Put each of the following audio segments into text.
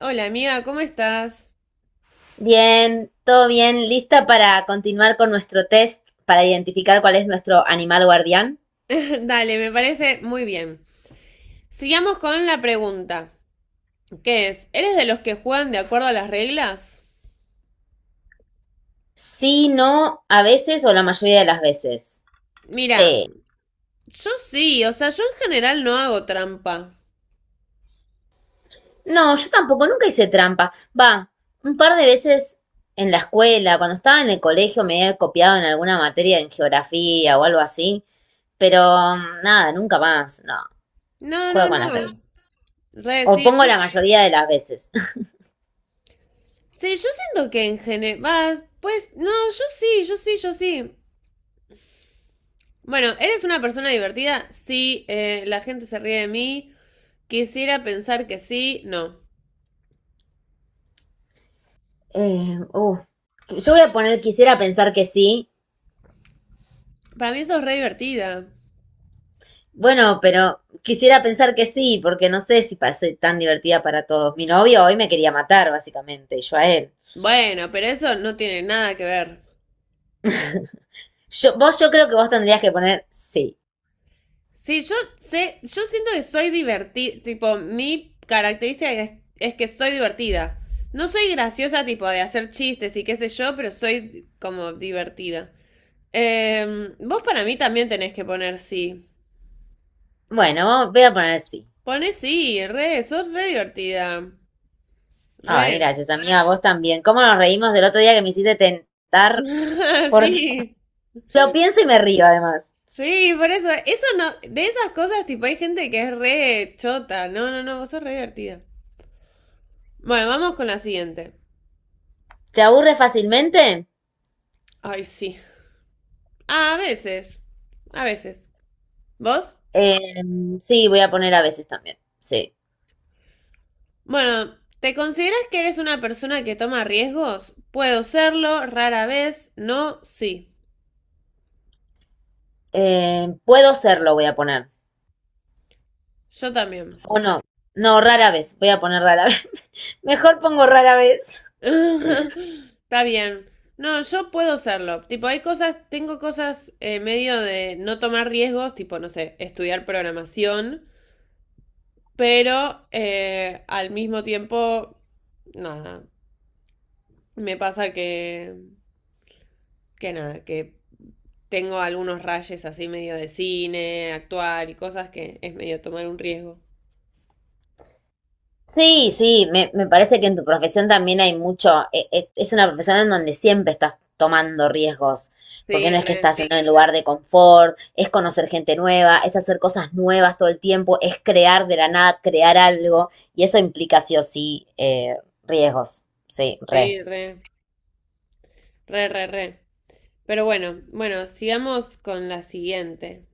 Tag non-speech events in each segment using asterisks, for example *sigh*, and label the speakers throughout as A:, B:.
A: Hola amiga, ¿cómo estás?
B: Bien, todo bien. ¿Lista para continuar con nuestro test para identificar cuál es nuestro animal guardián?
A: *laughs* Dale, me parece muy bien. Sigamos con la pregunta, que es, ¿eres de los que juegan de acuerdo a las reglas?
B: Sí, no, a veces o la mayoría de las veces.
A: Mira,
B: Sí.
A: yo sí, o sea, yo en general no hago trampa.
B: No, yo tampoco, nunca hice trampa. Va, un par de veces en la escuela, cuando estaba en el colegio me he copiado en alguna materia en geografía o algo así, pero nada, nunca más. No,
A: No, no,
B: juego con las reglas.
A: no. Re,
B: O
A: sí,
B: pongo
A: yo.
B: la mayoría de las veces. *laughs*
A: Sí, yo siento que en general. Pues, no, yo sí, yo sí, yo sí. Bueno, ¿eres una persona divertida? Sí, la gente se ríe de mí. Quisiera pensar que sí, no.
B: Eh, uh, yo voy a poner, quisiera pensar que sí.
A: Para mí eso es re divertida.
B: Bueno, pero quisiera pensar que sí, porque no sé si soy tan divertida para todos. Mi novio hoy me quería matar, básicamente, y yo a él.
A: Bueno, pero eso no tiene nada que ver.
B: Yo, vos, yo creo que vos tendrías que poner sí.
A: Sí, yo sé, yo siento que soy divertida, tipo, mi característica es que soy divertida. No soy graciosa, tipo, de hacer chistes y qué sé yo, pero soy como divertida. Vos para mí también tenés que poner sí.
B: Bueno, voy a poner sí.
A: Pones sí, re, sos re divertida. Re.
B: Ay, gracias, amiga, vos también. ¿Cómo nos reímos del otro día que me hiciste tentar?
A: *laughs*
B: Por Dios.
A: Sí.
B: Lo pienso y me río, además.
A: Sí, por eso, eso no, de esas cosas, tipo, hay gente que es re chota. No, no, no, vos sos re divertida. Bueno, vamos con la siguiente.
B: ¿Te aburre fácilmente?
A: Ay, sí. A veces. A veces. ¿Vos?
B: Eh, sí, voy a poner a veces también. Sí.
A: Bueno, ¿te consideras que eres una persona que toma riesgos? Puedo serlo, rara vez, no, sí.
B: Puedo serlo, voy a poner.
A: Yo también.
B: O no. No, rara vez. Voy a poner rara vez. *laughs* Mejor pongo rara vez.
A: *laughs* Está bien. No, yo puedo serlo. Tipo, hay cosas, tengo cosas medio de no tomar riesgos, tipo, no sé, estudiar programación, pero al mismo tiempo, nada, me pasa que nada, que tengo algunos rayes así medio de cine, actuar y cosas que es medio tomar un riesgo.
B: Sí, sí, me parece que en tu profesión también hay mucho, es una profesión en donde siempre estás tomando riesgos, porque
A: Sí,
B: no es que
A: re,
B: estás sí, en sí, un lugar de confort, es conocer gente nueva, es hacer cosas nuevas todo el tiempo, es crear de la nada, crear algo, y eso implica sí o sí riesgos, sí, re.
A: sí, re, re, re, re. Pero bueno, bueno, sigamos con la siguiente.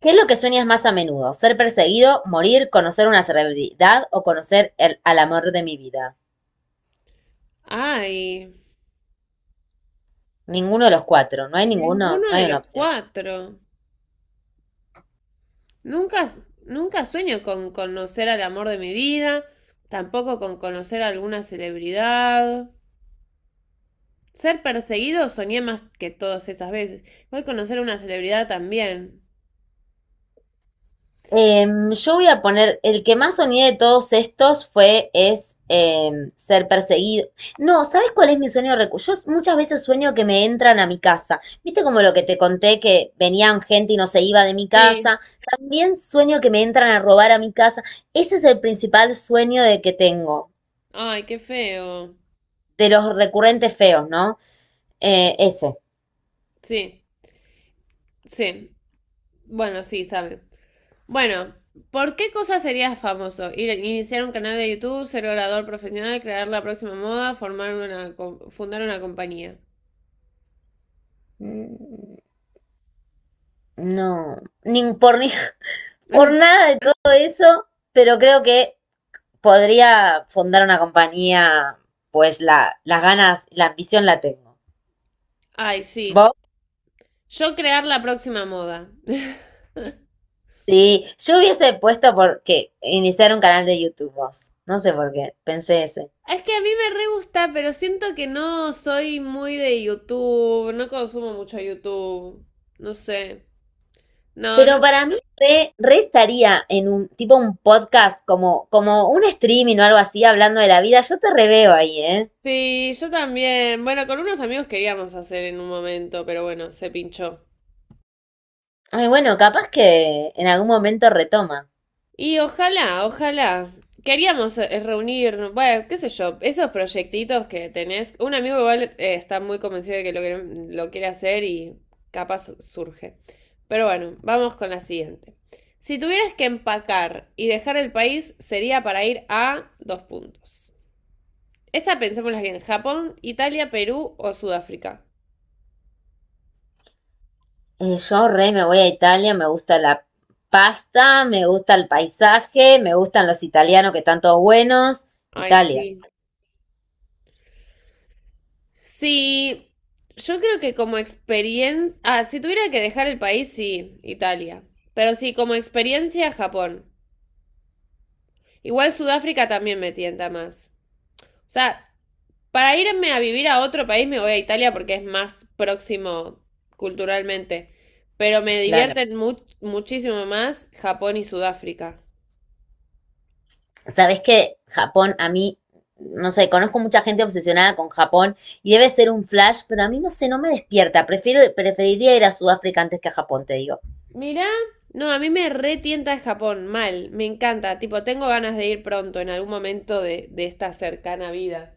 B: ¿Qué es lo que sueñas más a menudo? ¿Ser perseguido, morir, conocer una celebridad o conocer al amor de mi vida?
A: Ay,
B: Ninguno de los cuatro, no hay ninguno, no
A: ninguno de
B: hay
A: los
B: una opción.
A: cuatro. Nunca, nunca sueño con conocer al amor de mi vida, tampoco con conocer a alguna celebridad. Ser perseguido soñé más que todas esas veces. Voy a conocer a una celebridad también.
B: Yo voy a poner, el que más soñé de todos estos fue, es ser perseguido. No, ¿sabes cuál es mi sueño Yo muchas veces sueño que me entran a mi casa. ¿Viste como lo que te conté que venían gente y no se iba de mi
A: Sí.
B: casa? También sueño que me entran a robar a mi casa. Ese es el principal sueño de que tengo,
A: Ay, qué feo.
B: de los recurrentes feos, ¿no? Ese.
A: Sí, sí. Bueno, sí, sabe. Bueno, ¿por qué cosa serías famoso? Ir, iniciar un canal de YouTube, ser orador profesional, crear la próxima moda, formar una, co- fundar una compañía.
B: Mm, No, ni por, ni, *laughs* por
A: *laughs*
B: nada de todo eso, pero creo que podría fundar una compañía, pues las ganas, la ambición la tengo.
A: Ay, sí.
B: ¿Vos?
A: Yo crear la próxima moda. *laughs*
B: Sí, yo hubiese puesto porque iniciar un canal de YouTube, vos. No sé por qué, pensé ese.
A: Es que a mí me re gusta, pero siento que no soy muy de YouTube, no consumo mucho YouTube, no sé. No, no.
B: Pero para mí re estaría en un tipo un podcast, como un streaming o algo así, hablando de la vida. Yo te reveo ahí, ¿eh?
A: Sí, yo también. Bueno, con unos amigos queríamos hacer en un momento, pero bueno, se pinchó.
B: Ay, bueno, capaz que en algún momento retoma.
A: Y ojalá, ojalá. Queríamos reunir, bueno, qué sé yo, esos proyectitos que tenés. Un amigo igual está muy convencido de que lo quiere hacer y capaz surge. Pero bueno, vamos con la siguiente. Si tuvieras que empacar y dejar el país, sería para ir a dos puntos. Esta pensémosla bien, Japón, Italia, Perú o Sudáfrica.
B: Yo re me voy a Italia, me gusta la pasta, me gusta el paisaje, me gustan los italianos que están todos buenos.
A: Ay,
B: Italia,
A: sí. Sí, yo creo que como experiencia. Ah, si tuviera que dejar el país, sí, Italia. Pero sí, como experiencia, Japón. Igual Sudáfrica también me tienta más. O sea, para irme a vivir a otro país me voy a Italia porque es más próximo culturalmente. Pero me
B: claro.
A: divierten muchísimo más Japón y Sudáfrica.
B: Sabes que Japón, a mí, no sé, conozco mucha gente obsesionada con Japón y debe ser un flash, pero a mí no sé, no me despierta. Preferiría ir a Sudáfrica antes que a Japón, te digo.
A: Mirá, no, a mí me retienta Japón, mal, me encanta, tipo, tengo ganas de ir pronto en algún momento de esta cercana vida.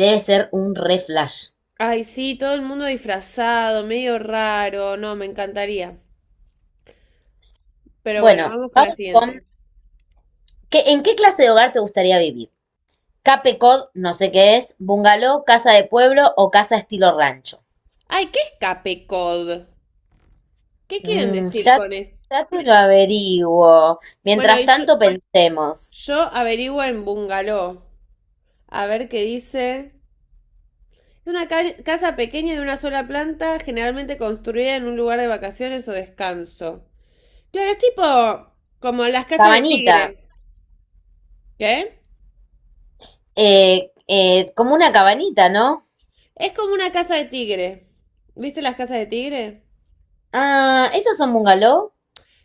B: Debe ser un re flash.
A: Ay, sí, todo el mundo disfrazado, medio raro, no, me encantaría. Pero bueno,
B: Bueno,
A: vamos con la
B: vamos con,
A: siguiente.
B: ¿en qué clase de hogar te gustaría vivir? Cape Cod, no sé qué es, bungalow, casa de pueblo o casa estilo rancho.
A: Ay, ¿qué es Capecod? ¿Qué quieren
B: Mm,
A: decir
B: ya,
A: con esto?
B: ya te lo averiguo.
A: Bueno,
B: Mientras
A: y yo,
B: tanto pensemos.
A: yo averiguo en Bungalow. A ver qué dice. Es una casa pequeña de una sola planta, generalmente construida en un lugar de vacaciones o descanso. Claro, es tipo como las casas de
B: Cabanita.
A: tigre. ¿Qué?
B: Como una cabanita, ¿no?
A: Es como una casa de tigre. ¿Viste las casas de tigre?
B: ¿Ah, esos son bungalow?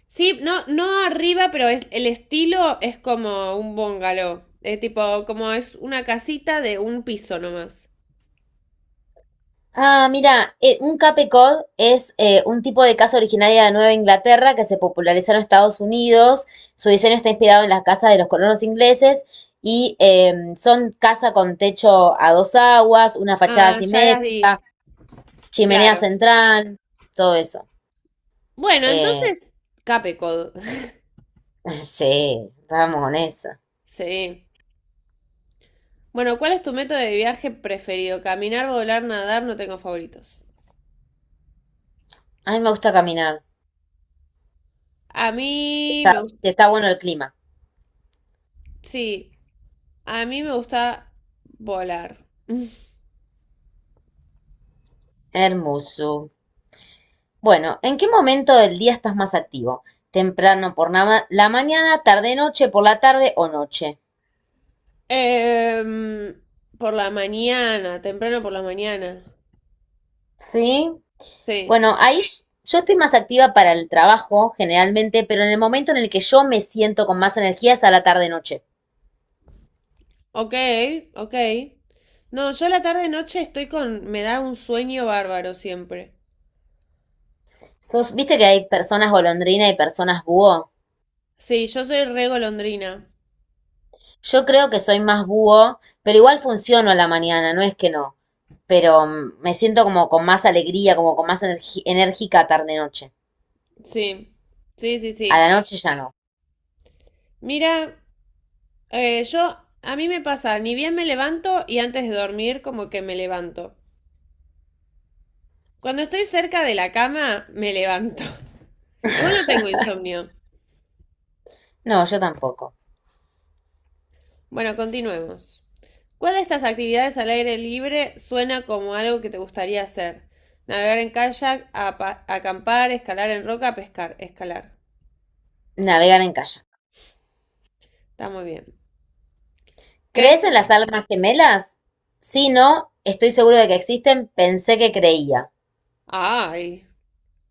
A: Sí, no, no arriba, pero es, el estilo es como un bungalow. Es tipo, como es una casita de un piso nomás.
B: Ah, mira, un Cape Cod es un tipo de casa originaria de Nueva Inglaterra que se popularizó en Estados Unidos. Su diseño está inspirado en las casas de los colonos ingleses y son casa con techo a dos aguas, una fachada
A: Ah, ya las
B: simétrica,
A: vi.
B: chimenea
A: Claro.
B: central, todo eso.
A: Bueno,
B: Eh,
A: entonces, Capecod. *laughs*
B: *laughs* sí, vamos con eso.
A: Sí. Bueno, ¿cuál es tu método de viaje preferido? Caminar, volar, nadar, no tengo favoritos.
B: A mí me gusta caminar.
A: A mí me gusta.
B: Está bueno el clima.
A: Sí, a mí me gusta volar. *laughs*
B: Hermoso. Bueno, ¿en qué momento del día estás más activo? ¿Temprano por la, la mañana, tarde, noche, por la tarde o noche?
A: Em, por la mañana, temprano por la mañana.
B: Sí.
A: Sí.
B: Bueno, ahí yo estoy más activa para el trabajo generalmente, pero en el momento en el que yo me siento con más energía es a la tarde, noche.
A: Ok, ok. No, yo la tarde noche estoy con. Me da un sueño bárbaro siempre.
B: ¿Viste que hay personas golondrina y personas búho?
A: Sí, yo soy re golondrina.
B: Yo creo que soy más búho, pero igual funciono a la mañana, no es que no. Pero me siento como con más alegría, como con más enérgica tarde-noche.
A: Sí, sí, sí,
B: A
A: sí.
B: la noche ya no.
A: Mira, yo. A mí me pasa, ni bien me levanto y antes de dormir, como que me levanto. Cuando estoy cerca de la cama, me levanto. *laughs* Igual no tengo insomnio.
B: No, yo tampoco.
A: Bueno, continuemos. ¿Cuál de estas actividades al aire libre suena como algo que te gustaría hacer? Navegar en kayak, acampar, escalar en roca, pescar, escalar.
B: Navegar en kayak.
A: Está muy bien. ¿Qué
B: ¿Crees
A: es
B: en las
A: el-
B: almas gemelas? Sí, no, estoy seguro de que existen. Pensé que creía.
A: Ay,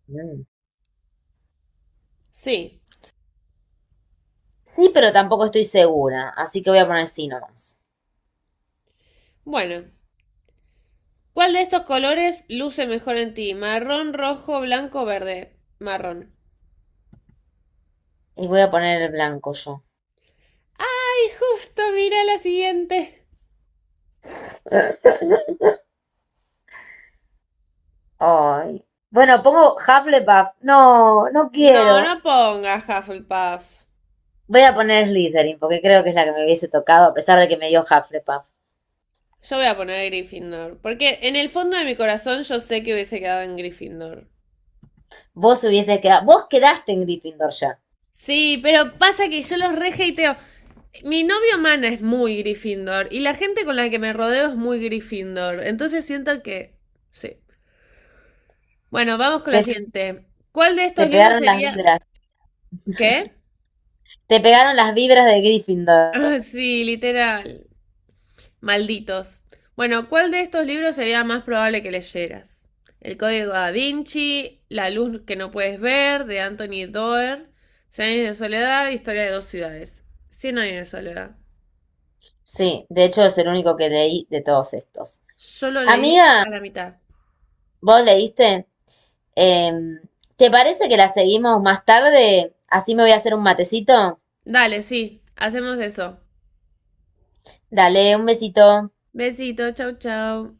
B: Mm.
A: sí.
B: Sí, pero tampoco estoy segura, así que voy a poner sí nomás.
A: Bueno, ¿cuál de estos colores luce mejor en ti? Marrón, rojo, blanco, verde. Marrón.
B: Y voy a poner el blanco yo.
A: Ay, justo, mira la siguiente.
B: Ay. Bueno, pongo Hufflepuff. No, no
A: No,
B: quiero.
A: no pongas Hufflepuff.
B: Voy a poner Slytherin porque creo que es la que me hubiese tocado, a pesar de que me dio Hufflepuff.
A: Yo voy a poner Gryffindor. Porque en el fondo de mi corazón yo sé que hubiese quedado en Gryffindor.
B: Vos hubieses quedado, vos quedaste en Gryffindor ya.
A: Sí, pero pasa que yo los rejeiteo. Mi novio Mana es muy Gryffindor. Y la gente con la que me rodeo es muy Gryffindor. Entonces siento que. Sí. Bueno, vamos con la
B: Te,
A: siguiente. ¿Cuál de
B: te
A: estos libros
B: pegaron las
A: sería.
B: vibras.
A: ¿Qué?
B: Te pegaron las vibras de Gryffindor.
A: Ah, sí, literal. Malditos. Bueno, ¿cuál de estos libros sería más probable que leyeras? El Código Da Vinci, La luz que no puedes ver, de Anthony Doerr, Cien años de soledad, Historia de dos ciudades. Cien años de soledad.
B: Sí, de hecho es el único que leí de todos estos.
A: Yo lo leí
B: Amiga,
A: a la mitad.
B: vos leíste, Em, ¿te parece que la seguimos más tarde? Así me voy a hacer un matecito.
A: Dale, sí, hacemos eso.
B: Dale, un besito.
A: Besito, chau, chau.